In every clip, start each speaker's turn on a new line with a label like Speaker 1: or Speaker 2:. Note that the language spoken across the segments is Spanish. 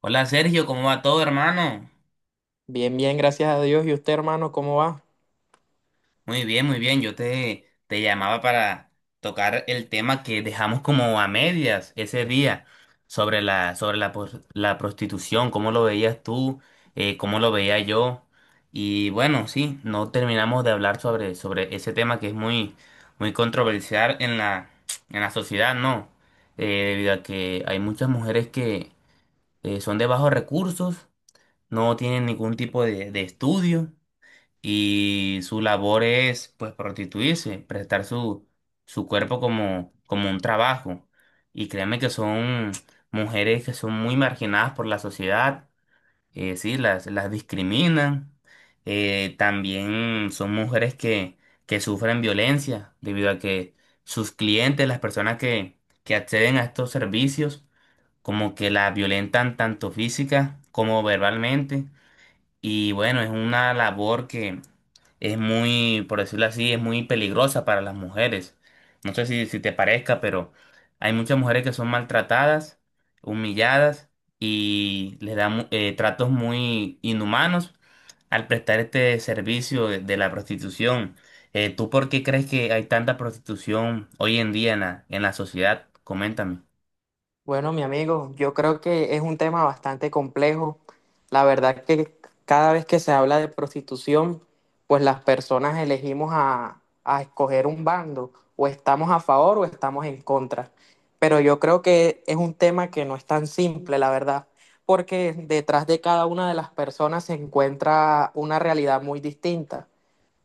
Speaker 1: Hola Sergio, ¿cómo va todo, hermano?
Speaker 2: Bien, bien, gracias a Dios. ¿Y usted, hermano, cómo va?
Speaker 1: Muy bien, muy bien. Yo te llamaba para tocar el tema que dejamos como a medias ese día sobre la prostitución, cómo lo veías tú, cómo lo veía yo. Y bueno, sí, no terminamos de hablar sobre ese tema que es muy controversial en en la sociedad, ¿no? Eh, Debido a que hay muchas mujeres que son de bajos recursos, no tienen ningún tipo de estudio y su labor es pues prostituirse, prestar su cuerpo como un trabajo. Y créanme que son mujeres que son muy marginadas por la sociedad, sí, las discriminan. También son mujeres que sufren violencia debido a que sus clientes, las personas que acceden a estos servicios, como que la violentan tanto física como verbalmente. Y bueno, es una labor que es muy, por decirlo así, es muy peligrosa para las mujeres. No sé si te parezca, pero hay muchas mujeres que son maltratadas, humilladas y les dan tratos muy inhumanos al prestar este servicio de la prostitución. ¿Tú por qué crees que hay tanta prostitución hoy en día en en la sociedad? Coméntame.
Speaker 2: Bueno, mi amigo, yo creo que es un tema bastante complejo. La verdad que cada vez que se habla de prostitución, pues las personas elegimos a escoger un bando, o estamos a favor o estamos en contra. Pero yo creo que es un tema que no es tan simple, la verdad, porque detrás de cada una de las personas se encuentra una realidad muy distinta.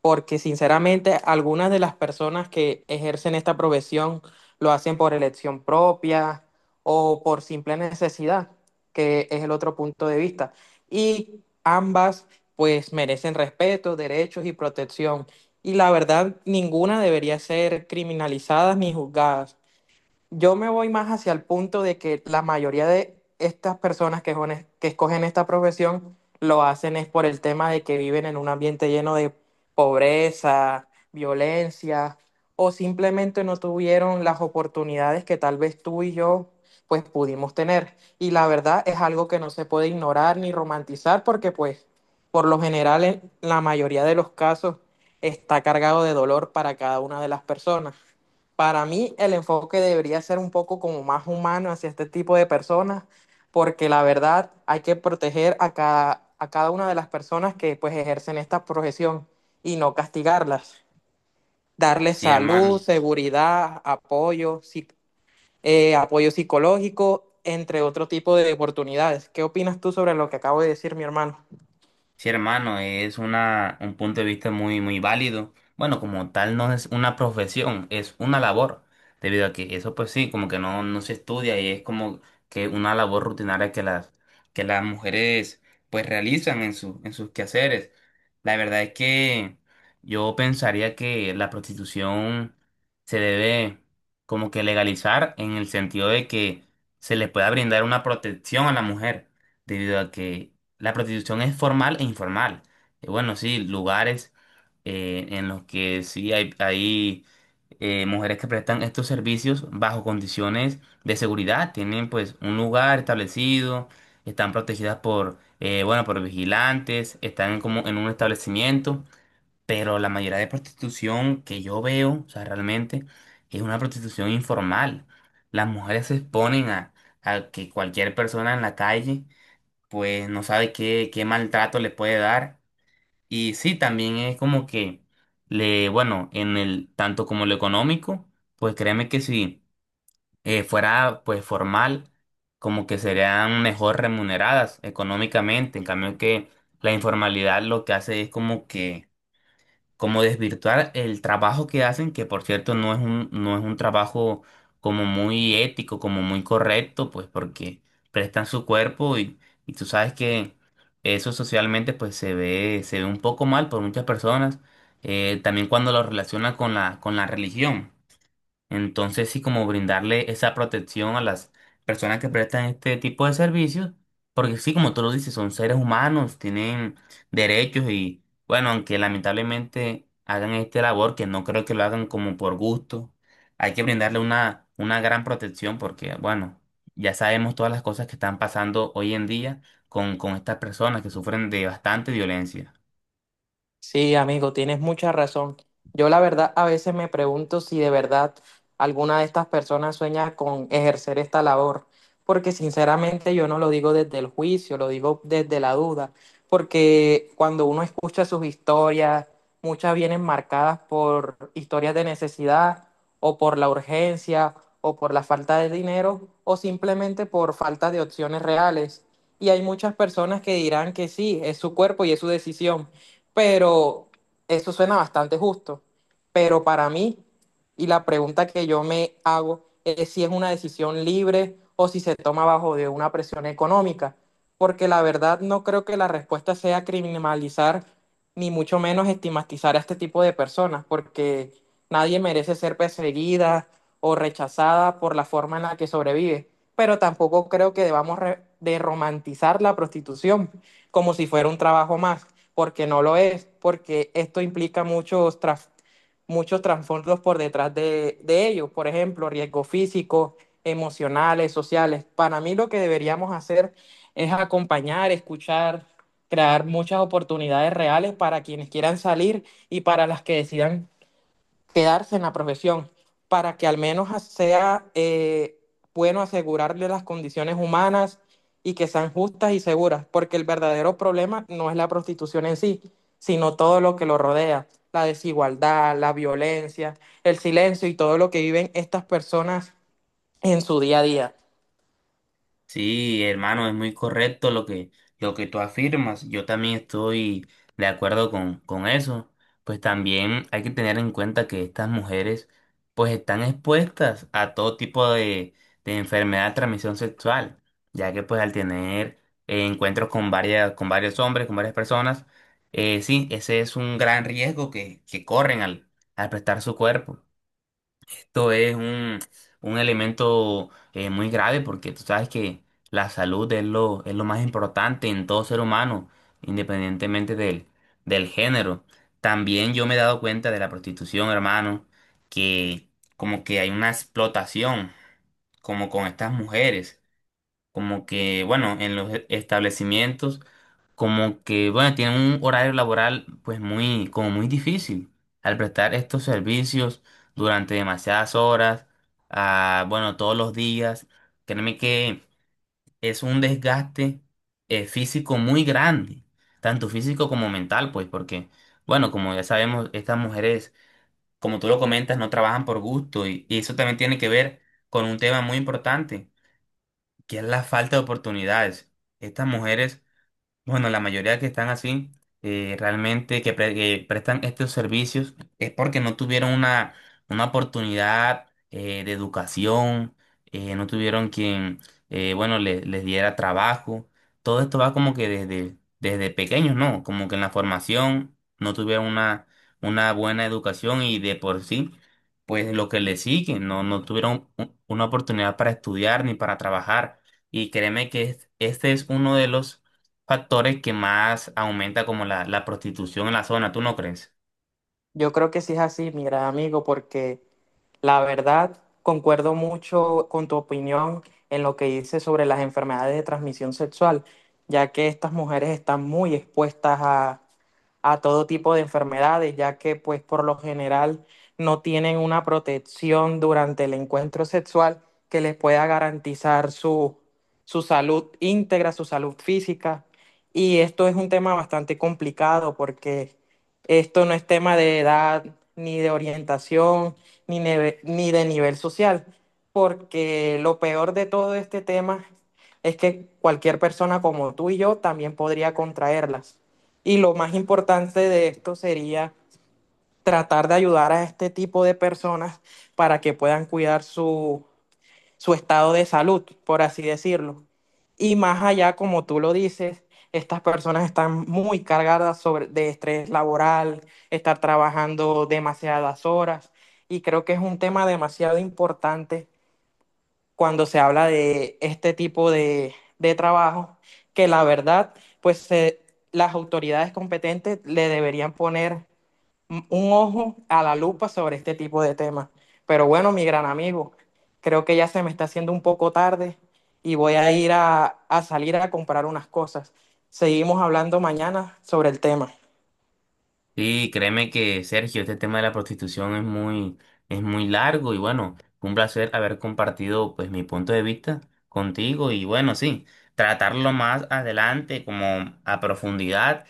Speaker 2: Porque sinceramente algunas de las personas que ejercen esta profesión lo hacen por elección propia o por simple necesidad, que es el otro punto de vista. Y ambas pues merecen respeto, derechos y protección. Y la verdad, ninguna debería ser criminalizada ni juzgada. Yo me voy más hacia el punto de que la mayoría de estas personas que escogen esta profesión lo hacen es por el tema de que viven en un ambiente lleno de pobreza, violencia, o simplemente no tuvieron las oportunidades que tal vez tú y yo pues pudimos tener. Y la verdad es algo que no se puede ignorar ni romantizar porque pues por lo general en la mayoría de los casos está cargado de dolor para cada una de las personas. Para mí el enfoque debería ser un poco como más humano hacia este tipo de personas, porque la verdad hay que proteger a cada una de las personas que pues ejercen esta profesión y no castigarlas. Darles
Speaker 1: Sí,
Speaker 2: salud,
Speaker 1: hermano.
Speaker 2: seguridad, apoyo, apoyo psicológico, entre otro tipo de oportunidades. ¿Qué opinas tú sobre lo que acabo de decir, mi hermano?
Speaker 1: Sí, hermano, es un punto de vista muy válido. Bueno, como tal no es una profesión, es una labor, debido a que eso pues sí, como que no se estudia y es como que una labor rutinaria que que las mujeres pues realizan en en sus quehaceres. La verdad es que yo pensaría que la prostitución se debe como que legalizar en el sentido de que se le pueda brindar una protección a la mujer, debido a que la prostitución es formal e informal. Bueno, sí, lugares en los que sí hay mujeres que prestan estos servicios bajo condiciones de seguridad. Tienen pues un lugar establecido, están protegidas por, bueno, por vigilantes, están como en un establecimiento, pero la mayoría de prostitución que yo veo, o sea, realmente es una prostitución informal. Las mujeres se exponen a que cualquier persona en la calle pues no sabe qué maltrato le puede dar. Y sí, también es como que le, bueno, en el tanto como lo económico, pues créeme que si fuera pues formal, como que serían mejor remuneradas económicamente. En cambio que la informalidad lo que hace es como que como desvirtuar el trabajo que hacen, que por cierto no es un trabajo como muy ético, como muy correcto, pues porque prestan su cuerpo y tú sabes que eso socialmente pues se ve un poco mal por muchas personas, también cuando lo relaciona con con la religión. Entonces, sí, como brindarle esa protección a las personas que prestan este tipo de servicios, porque sí, como tú lo dices, son seres humanos, tienen derechos y, bueno, aunque lamentablemente hagan esta labor, que no creo que lo hagan como por gusto, hay que brindarle una gran protección porque, bueno, ya sabemos todas las cosas que están pasando hoy en día con estas personas que sufren de bastante violencia.
Speaker 2: Sí, amigo, tienes mucha razón. Yo la verdad a veces me pregunto si de verdad alguna de estas personas sueña con ejercer esta labor, porque sinceramente yo no lo digo desde el juicio, lo digo desde la duda, porque cuando uno escucha sus historias, muchas vienen marcadas por historias de necesidad o por la urgencia o por la falta de dinero o simplemente por falta de opciones reales. Y hay muchas personas que dirán que sí, es su cuerpo y es su decisión, pero eso suena bastante justo. Pero para mí, y la pregunta que yo me hago es si es una decisión libre o si se toma bajo de una presión económica. Porque la verdad no creo que la respuesta sea criminalizar ni mucho menos estigmatizar a este tipo de personas, porque nadie merece ser perseguida o rechazada por la forma en la que sobrevive. Pero tampoco creo que debamos re- de romantizar la prostitución como si fuera un trabajo más, porque no lo es, porque esto implica muchos trasfondos por detrás de ellos, por ejemplo, riesgos físicos, emocionales, sociales. Para mí lo que deberíamos hacer es acompañar, escuchar, crear muchas oportunidades reales para quienes quieran salir y para las que decidan quedarse en la profesión para que al menos sea bueno, asegurarle las condiciones humanas y que sean justas y seguras, porque el verdadero problema no es la prostitución en sí, sino todo lo que lo rodea, la desigualdad, la violencia, el silencio y todo lo que viven estas personas en su día a día.
Speaker 1: Sí, hermano, es muy correcto lo que tú afirmas. Yo también estoy de acuerdo con eso. Pues también hay que tener en cuenta que estas mujeres pues están expuestas a todo tipo de enfermedad de transmisión sexual, ya que pues al tener encuentros con con varios hombres, con varias personas, sí, ese es un gran riesgo que corren al prestar su cuerpo. Esto es un elemento muy grave porque tú sabes que la salud es es lo más importante en todo ser humano, independientemente del género. También yo me he dado cuenta de la prostitución, hermano, que como que hay una explotación, como con estas mujeres, como que, bueno, en los establecimientos como que, bueno, tienen un horario laboral pues muy, como muy difícil al prestar estos servicios durante demasiadas horas, ah, bueno, todos los días. Créeme que es un desgaste físico muy grande, tanto físico como mental, pues, porque, bueno, como ya sabemos, estas mujeres, como tú lo comentas, no trabajan por gusto y eso también tiene que ver con un tema muy importante, que es la falta de oportunidades. Estas mujeres bueno, la mayoría que están así, realmente que prestan estos servicios es porque no tuvieron una oportunidad de educación, no tuvieron quien, bueno, les diera trabajo. Todo esto va como que desde pequeños, ¿no? Como que en la formación no tuvieron una buena educación y de por sí, pues lo que les sigue, no, no tuvieron una oportunidad para estudiar ni para trabajar. Y créeme que este es uno de los factores que más aumenta como la prostitución en la zona, ¿tú no crees?
Speaker 2: Yo creo que sí es así, mi gran amigo, porque la verdad concuerdo mucho con tu opinión en lo que dices sobre las enfermedades de transmisión sexual, ya que estas mujeres están muy expuestas a todo tipo de enfermedades, ya que pues por lo general no tienen una protección durante el encuentro sexual que les pueda garantizar su, su salud íntegra, su salud física. Y esto es un tema bastante complicado porque esto no es tema de edad, ni de orientación, ni de nivel social, porque lo peor de todo este tema es que cualquier persona como tú y yo también podría contraerlas. Y lo más importante de esto sería tratar de ayudar a este tipo de personas para que puedan cuidar su su estado de salud, por así decirlo. Y más allá, como tú lo dices, estas personas están muy cargadas sobre, de estrés laboral, estar trabajando demasiadas horas. Y creo que es un tema demasiado importante cuando se habla de este tipo de trabajo, que la verdad, pues se- las autoridades competentes le deberían poner un ojo a la lupa sobre este tipo de temas. Pero bueno, mi gran amigo, creo que ya se me está haciendo un poco tarde y voy a ir a salir a comprar unas cosas. Seguimos hablando mañana sobre el tema.
Speaker 1: Sí, créeme que Sergio, este tema de la prostitución es muy largo y bueno, fue un placer haber compartido pues mi punto de vista contigo y bueno, sí, tratarlo más adelante como a profundidad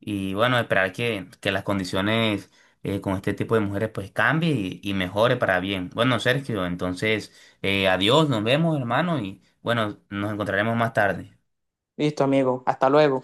Speaker 1: y bueno, esperar que las condiciones con este tipo de mujeres pues cambie y mejore para bien. Bueno, Sergio, entonces, adiós, nos vemos hermano y bueno, nos encontraremos más tarde.
Speaker 2: Listo, amigo. Hasta luego.